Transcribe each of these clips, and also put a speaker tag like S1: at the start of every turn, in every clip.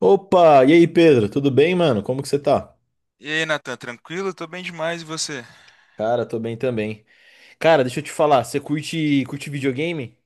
S1: Opa, e aí, Pedro? Tudo bem, mano? Como que você tá?
S2: E aí, Natan, tranquilo? Tô bem demais, e você?
S1: Cara, tô bem também. Cara, deixa eu te falar, você curte videogame?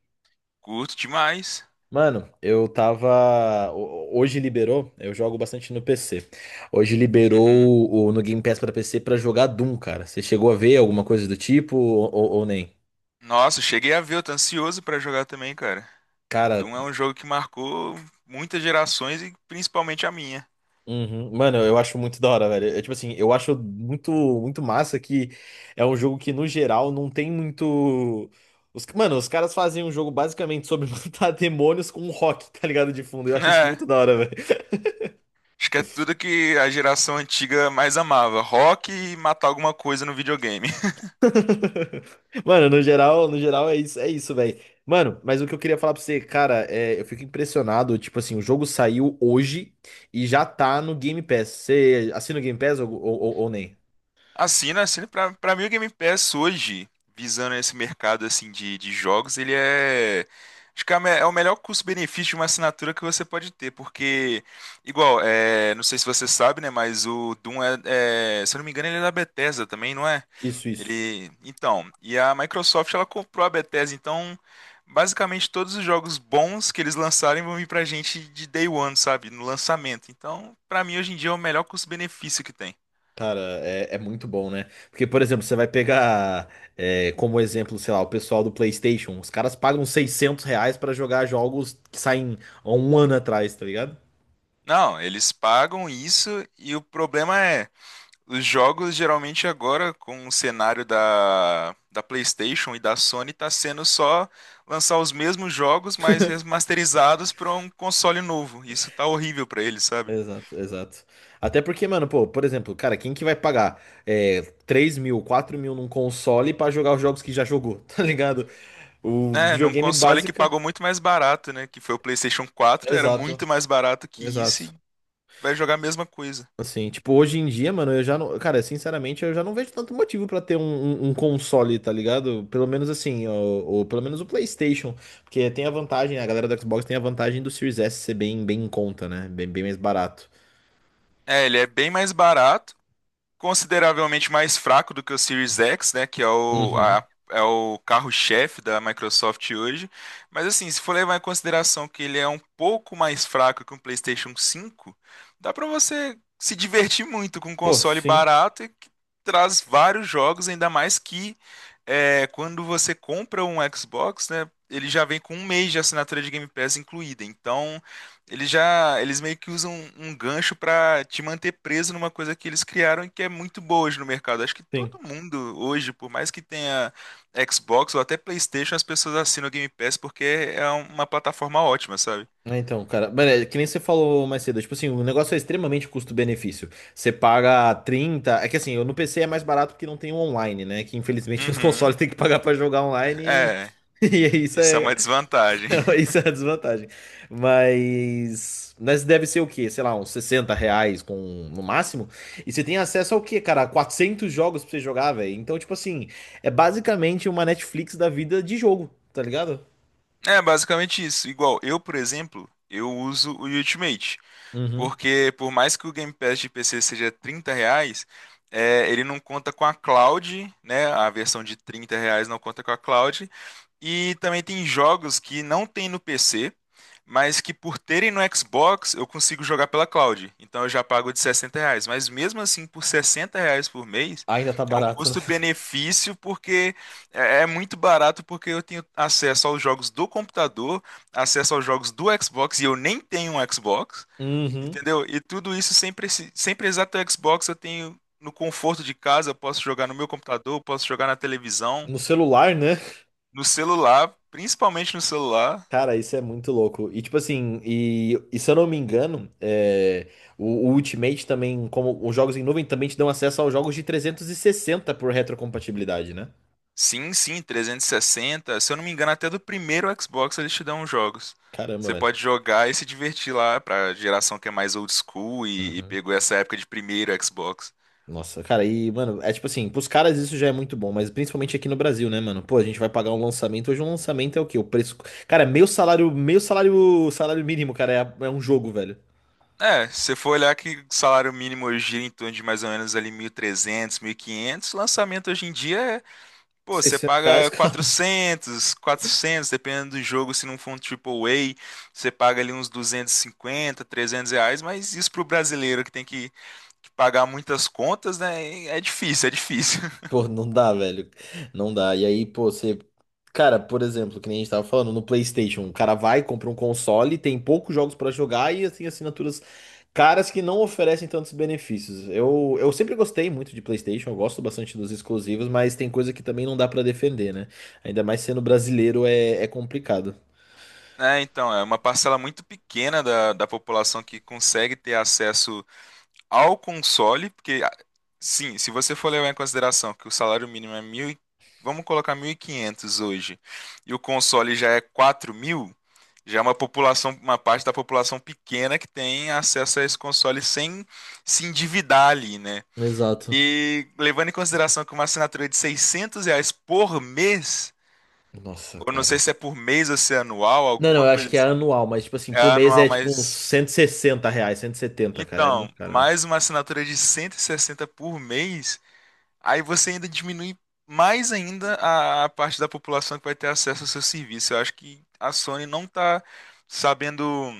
S2: Curto demais.
S1: Mano, eu Hoje liberou, eu jogo bastante no PC. Hoje
S2: Uhum.
S1: liberou no Game Pass pra PC pra jogar Doom, cara. Você chegou a ver alguma coisa do tipo ou nem?
S2: Nossa, cheguei a ver, eu tô ansioso pra jogar também, cara.
S1: Cara.
S2: Doom é um jogo que marcou muitas gerações e principalmente a minha.
S1: Uhum. Mano, eu acho muito da hora, velho. É tipo assim, eu acho muito, muito massa que é um jogo que, no geral, não tem muito. Os... Mano, os caras fazem um jogo basicamente sobre matar demônios com um rock, tá ligado? De fundo. Eu acho isso
S2: É,
S1: muito da hora, velho.
S2: acho que é tudo que a geração antiga mais amava, rock e matar alguma coisa no videogame.
S1: Mano, no geral, no geral é isso, velho. Mano, mas o que eu queria falar pra você, cara, é, eu fico impressionado. Tipo assim, o jogo saiu hoje e já tá no Game Pass. Você assina o Game Pass ou nem?
S2: Assina, assina. Pra mim, o Game Pass hoje, visando esse mercado assim de jogos, ele é. Acho que é a é o melhor custo-benefício de uma assinatura que você pode ter, porque, igual, é, não sei se você sabe, né, mas o Doom é, se eu não me engano, ele é da Bethesda também, não é?
S1: Isso, isso.
S2: Ele, então, e a Microsoft, ela comprou a Bethesda, então, basicamente, todos os jogos bons que eles lançarem vão vir pra gente de day one, sabe, no lançamento. Então, pra mim, hoje em dia, é o melhor custo-benefício que tem.
S1: Cara, é, é muito bom, né? Porque, por exemplo, você vai pegar é, como exemplo, sei lá, o pessoal do PlayStation. Os caras pagam R$ 600 pra jogar jogos que saem há um ano atrás, tá ligado?
S2: Não, eles pagam isso e o problema é, os jogos geralmente agora com o cenário da PlayStation e da Sony tá sendo só lançar os mesmos jogos, mas remasterizados para um console novo. Isso tá horrível para eles, sabe?
S1: Exato, exato. Até porque, mano, pô, por exemplo, cara, quem que vai pagar é, 3 mil, 4 mil num console pra jogar os jogos que já jogou, tá ligado? O
S2: Né, num
S1: videogame
S2: console que
S1: básica.
S2: pagou muito mais barato, né, que foi o PlayStation 4, era
S1: Exato,
S2: muito mais barato que isso
S1: exato.
S2: e vai jogar a mesma coisa.
S1: Assim, tipo, hoje em dia, mano, eu já não. Cara, sinceramente, eu já não vejo tanto motivo pra ter um console, tá ligado? Pelo menos assim, ou pelo menos o PlayStation. Porque tem a vantagem, a galera do Xbox tem a vantagem do Series S ser bem, bem em conta, né? Bem, bem mais barato.
S2: É, ele é bem mais barato, consideravelmente mais fraco do que o Series X, né, que é
S1: Uhum.
S2: é o carro-chefe da Microsoft hoje. Mas assim, se for levar em consideração que ele é um pouco mais fraco que um PlayStation 5, dá para você se divertir muito com um
S1: Pô,
S2: console
S1: sim,
S2: barato e que traz vários jogos, ainda mais que é, quando você compra um Xbox, né, ele já vem com um mês de assinatura de Game Pass incluída. Então eles já, eles meio que usam um gancho pra te manter preso numa coisa que eles criaram e que é muito boa hoje no mercado. Acho que
S1: sim.
S2: todo mundo hoje, por mais que tenha Xbox ou até PlayStation, as pessoas assinam o Game Pass porque é uma plataforma ótima, sabe?
S1: É. Então, cara, mano, é que nem você falou mais cedo, tipo assim, o negócio é extremamente custo-benefício. Você paga 30 é que assim, eu no PC é mais barato porque não tem o online, né? Que infelizmente os
S2: Uhum.
S1: consoles tem que pagar pra jogar online
S2: É,
S1: e, e é isso
S2: isso é
S1: é,
S2: uma desvantagem.
S1: isso é a desvantagem. Mas. Mas deve ser o quê? Sei lá, uns R$ 60 com... no máximo. E você tem acesso ao quê, cara? 400 jogos pra você jogar, velho. Então, tipo assim, é basicamente uma Netflix da vida de jogo, tá ligado?
S2: É basicamente isso. Igual eu, por exemplo, eu uso o Ultimate.
S1: Uhum.
S2: Porque por mais que o Game Pass de PC seja R$ 30, é, ele não conta com a cloud, né? A versão de R$ 30 não conta com a cloud. E também tem jogos que não tem no PC, mas que por terem no Xbox eu consigo jogar pela cloud. Então eu já pago de R$ 60. Mas mesmo assim, por R$ 60 por mês,
S1: Ainda tá
S2: é um
S1: barato, né?
S2: custo-benefício porque é muito barato porque eu tenho acesso aos jogos do computador, acesso aos jogos do Xbox e eu nem tenho um Xbox.
S1: Uhum.
S2: Entendeu? E tudo isso sem, sem precisar ter o Xbox, eu tenho no conforto de casa, eu posso jogar no meu computador, eu posso jogar na televisão,
S1: No celular, né?
S2: no celular, principalmente no celular.
S1: Cara, isso é muito louco. E tipo assim, e se eu não me engano, é, o Ultimate também, como os jogos em nuvem, também te dão acesso aos jogos de 360 por retrocompatibilidade, né?
S2: Sim, sim, 360. Se eu não me engano, até do primeiro Xbox eles te dão os jogos.
S1: Caramba,
S2: Você
S1: velho.
S2: pode jogar e se divertir lá pra geração que é mais old school e
S1: Uhum.
S2: pegou essa época de primeiro Xbox.
S1: Nossa, cara, e, mano, é tipo assim, pros caras isso já é muito bom, mas principalmente aqui no Brasil, né, mano? Pô, a gente vai pagar um lançamento, hoje um lançamento é o quê? O preço. Cara, meu salário, salário mínimo, cara, é um jogo, velho.
S2: É, se você for olhar que o salário mínimo hoje gira em torno de mais ou menos ali 1.300, quinhentos, lançamento hoje em dia é. Pô, você
S1: R$ 600.
S2: paga 400, 400 dependendo do jogo, se não for um triple AAA, você paga ali uns 250, R$ 300, mas isso pro brasileiro que tem que pagar muitas contas, né, é difícil, é difícil.
S1: Pô, não dá, velho. Não dá. E aí, pô, você. Cara, por exemplo, que nem a gente tava falando, no PlayStation, o cara vai, compra um console, tem poucos jogos pra jogar e assim, assinaturas caras que não oferecem tantos benefícios. Eu sempre gostei muito de PlayStation, eu gosto bastante dos exclusivos, mas tem coisa que também não dá pra defender, né? Ainda mais sendo brasileiro é complicado.
S2: Né? Então, é uma parcela muito pequena da população que consegue ter acesso ao console, porque ah, sim, se você for levar em consideração que o salário mínimo é mil, vamos colocar 1.500 hoje, e o console já é 4.000, já é uma população, uma parte da população pequena que tem acesso a esse console sem se endividar ali, né?
S1: Exato.
S2: E levando em consideração que uma assinatura de R$ 600 por mês,
S1: Nossa,
S2: ou não sei
S1: cara.
S2: se é por mês ou se é anual,
S1: Não, não,
S2: alguma
S1: eu acho
S2: coisa
S1: que é
S2: assim,
S1: anual, mas tipo assim,
S2: é
S1: por mês
S2: anual,
S1: é tipo uns
S2: mas
S1: R$ 160, 170 cara. É
S2: então,
S1: muito caro,
S2: mais uma assinatura de 160 por mês, aí você ainda diminui mais ainda a parte da população que vai ter acesso ao seu serviço. Eu acho que a Sony não tá sabendo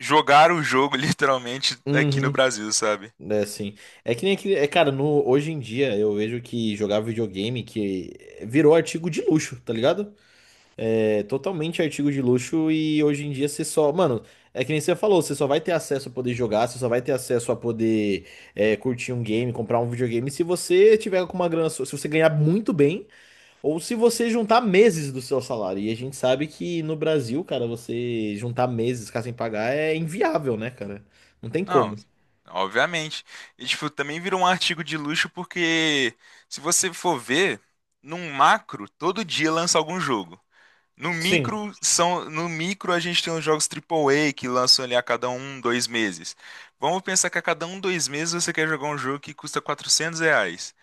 S2: jogar o jogo, literalmente, aqui no
S1: velho.
S2: Brasil, sabe?
S1: É assim. É que nem aquele. É, cara, no, hoje em dia eu vejo que jogar videogame que virou artigo de luxo, tá ligado? É totalmente artigo de luxo e hoje em dia você só. Mano, é que nem você falou, você só vai ter acesso a poder jogar, você só vai ter acesso a poder é, curtir um game, comprar um videogame se você tiver com uma grana. Se você ganhar muito bem ou se você juntar meses do seu salário. E a gente sabe que no Brasil, cara, você juntar meses, ficar sem pagar é inviável, né, cara? Não tem
S2: Não,
S1: como.
S2: obviamente. E, tipo, também virou um artigo de luxo porque, se você for ver, num macro, todo dia lança algum jogo. No
S1: Sim.
S2: micro, são, no micro a gente tem os jogos triplo A que lançam ali a cada um, dois meses. Vamos pensar que a cada um, dois meses você quer jogar um jogo que custa R$ 400.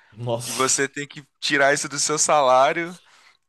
S2: E
S1: Nossa.
S2: você tem que tirar isso do seu salário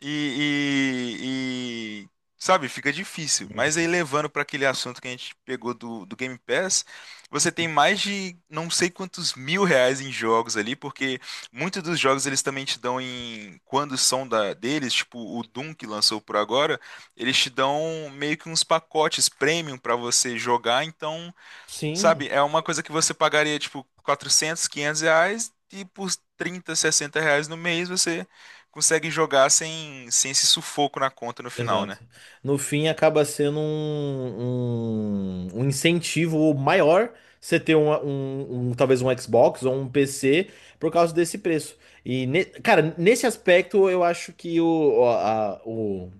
S2: e, sabe, fica difícil.
S1: Uhum.
S2: Mas aí levando para aquele assunto que a gente pegou do Game Pass, você tem mais de não sei quantos mil reais em jogos ali, porque muitos dos jogos eles também te dão em quando são da deles, tipo o Doom que lançou por agora, eles te dão meio que uns pacotes premium para você jogar, então.
S1: Sim,
S2: Sabe, é uma coisa que você pagaria, tipo, 400, R$ 500 e por 30, R$ 60 no mês você consegue jogar sem, sem esse sufoco na conta no final,
S1: exato.
S2: né?
S1: No fim, acaba sendo um incentivo maior você ter talvez um Xbox ou um PC por causa desse preço. E, cara, nesse aspecto, eu acho que o, a- o,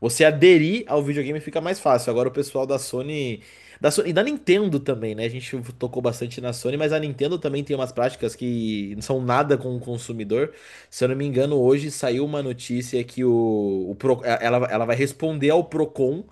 S1: você aderir ao videogame fica mais fácil. Agora o pessoal da Sony, e da Nintendo também, né? A gente tocou bastante na Sony, mas a Nintendo também tem umas práticas que não são nada com o consumidor. Se eu não me engano, hoje saiu uma notícia que ela vai responder ao Procon,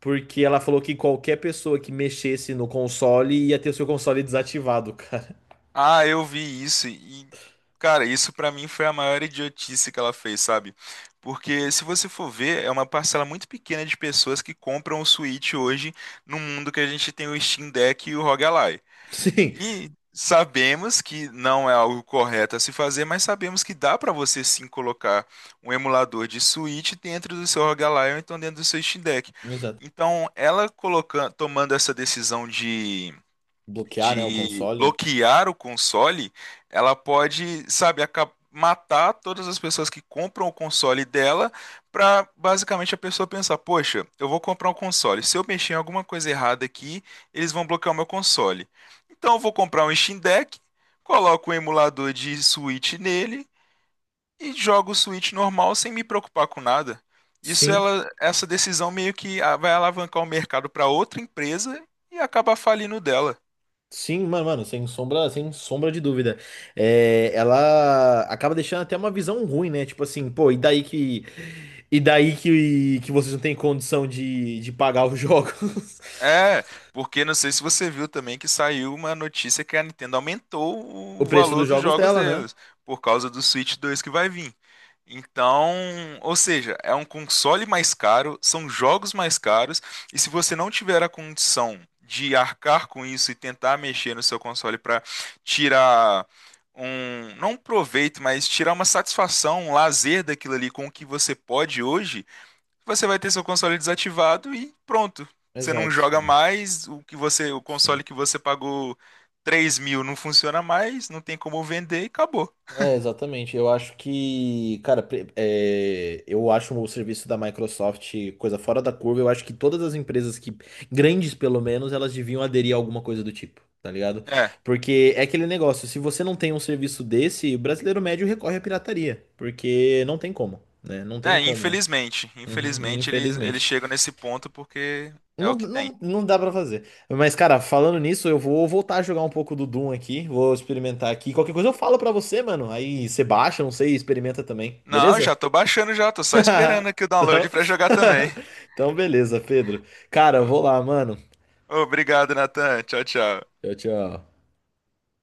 S1: porque ela falou que qualquer pessoa que mexesse no console ia ter o seu console desativado, cara.
S2: Ah, eu vi isso e, cara, isso pra mim foi a maior idiotice que ela fez, sabe? Porque se você for ver, é uma parcela muito pequena de pessoas que compram o Switch hoje no mundo que a gente tem o Steam Deck e o ROG.
S1: Sim,
S2: E sabemos que não é algo correto a se fazer, mas sabemos que dá para você sim colocar um emulador de Switch dentro do seu ROG Ally ou então dentro do seu Steam Deck.
S1: exato.
S2: Então, ela colocando, tomando essa decisão de
S1: Bloquear, né, o console.
S2: bloquear o console, ela pode, sabe, matar todas as pessoas que compram o console dela para basicamente a pessoa pensar, poxa, eu vou comprar um console. Se eu mexer em alguma coisa errada aqui, eles vão bloquear o meu console. Então eu vou comprar um Steam Deck, coloco um emulador de Switch nele e jogo o Switch normal sem me preocupar com nada. Isso
S1: Sim.
S2: ela, essa decisão meio que ah, vai alavancar o mercado para outra empresa e acabar falindo dela.
S1: Sim, mano, mano, sem sombra, sem sombra de dúvida. É, ela acaba deixando até uma visão ruim, né? Tipo assim, pô, e daí que. E daí que vocês não têm condição de pagar os jogos.
S2: É, porque não sei se você viu também que saiu uma notícia que a Nintendo aumentou
S1: O
S2: o
S1: preço
S2: valor
S1: dos
S2: dos
S1: jogos
S2: jogos
S1: dela, né?
S2: deles, por causa do Switch 2 que vai vir. Então, ou seja, é um console mais caro, são jogos mais caros, e se você não tiver a condição de arcar com isso e tentar mexer no seu console para tirar um, não um proveito, mas tirar uma satisfação, um lazer daquilo ali com o que você pode hoje, você vai ter seu console desativado e pronto. Você não joga
S1: Exato.
S2: mais, o que você, o
S1: Sim.
S2: console que você pagou 3.000 não funciona mais, não tem como vender e acabou.
S1: É, exatamente. Eu acho que, cara, eu acho o serviço da Microsoft coisa fora da curva. Eu acho que todas as empresas que, grandes pelo menos, elas deviam aderir a alguma coisa do tipo, tá ligado?
S2: É,
S1: Porque é aquele negócio, se você não tem um serviço desse, o brasileiro médio recorre à pirataria, porque não tem como, né? Não tem
S2: é,
S1: como.
S2: infelizmente.
S1: Uhum,
S2: Infelizmente eles, eles
S1: infelizmente.
S2: chegam nesse ponto porque é
S1: Não,
S2: o que tem.
S1: não, não dá pra fazer. Mas, cara, falando nisso, eu vou voltar a jogar um pouco do Doom aqui. Vou experimentar aqui. Qualquer coisa eu falo pra você, mano. Aí você baixa, não sei, experimenta também.
S2: Não,
S1: Beleza?
S2: já tô baixando já, tô só esperando aqui o
S1: Então,
S2: download pra jogar também.
S1: então beleza, Pedro. Cara, eu vou lá, mano.
S2: Ô, obrigado, Natan. Tchau, tchau.
S1: Tchau, tchau.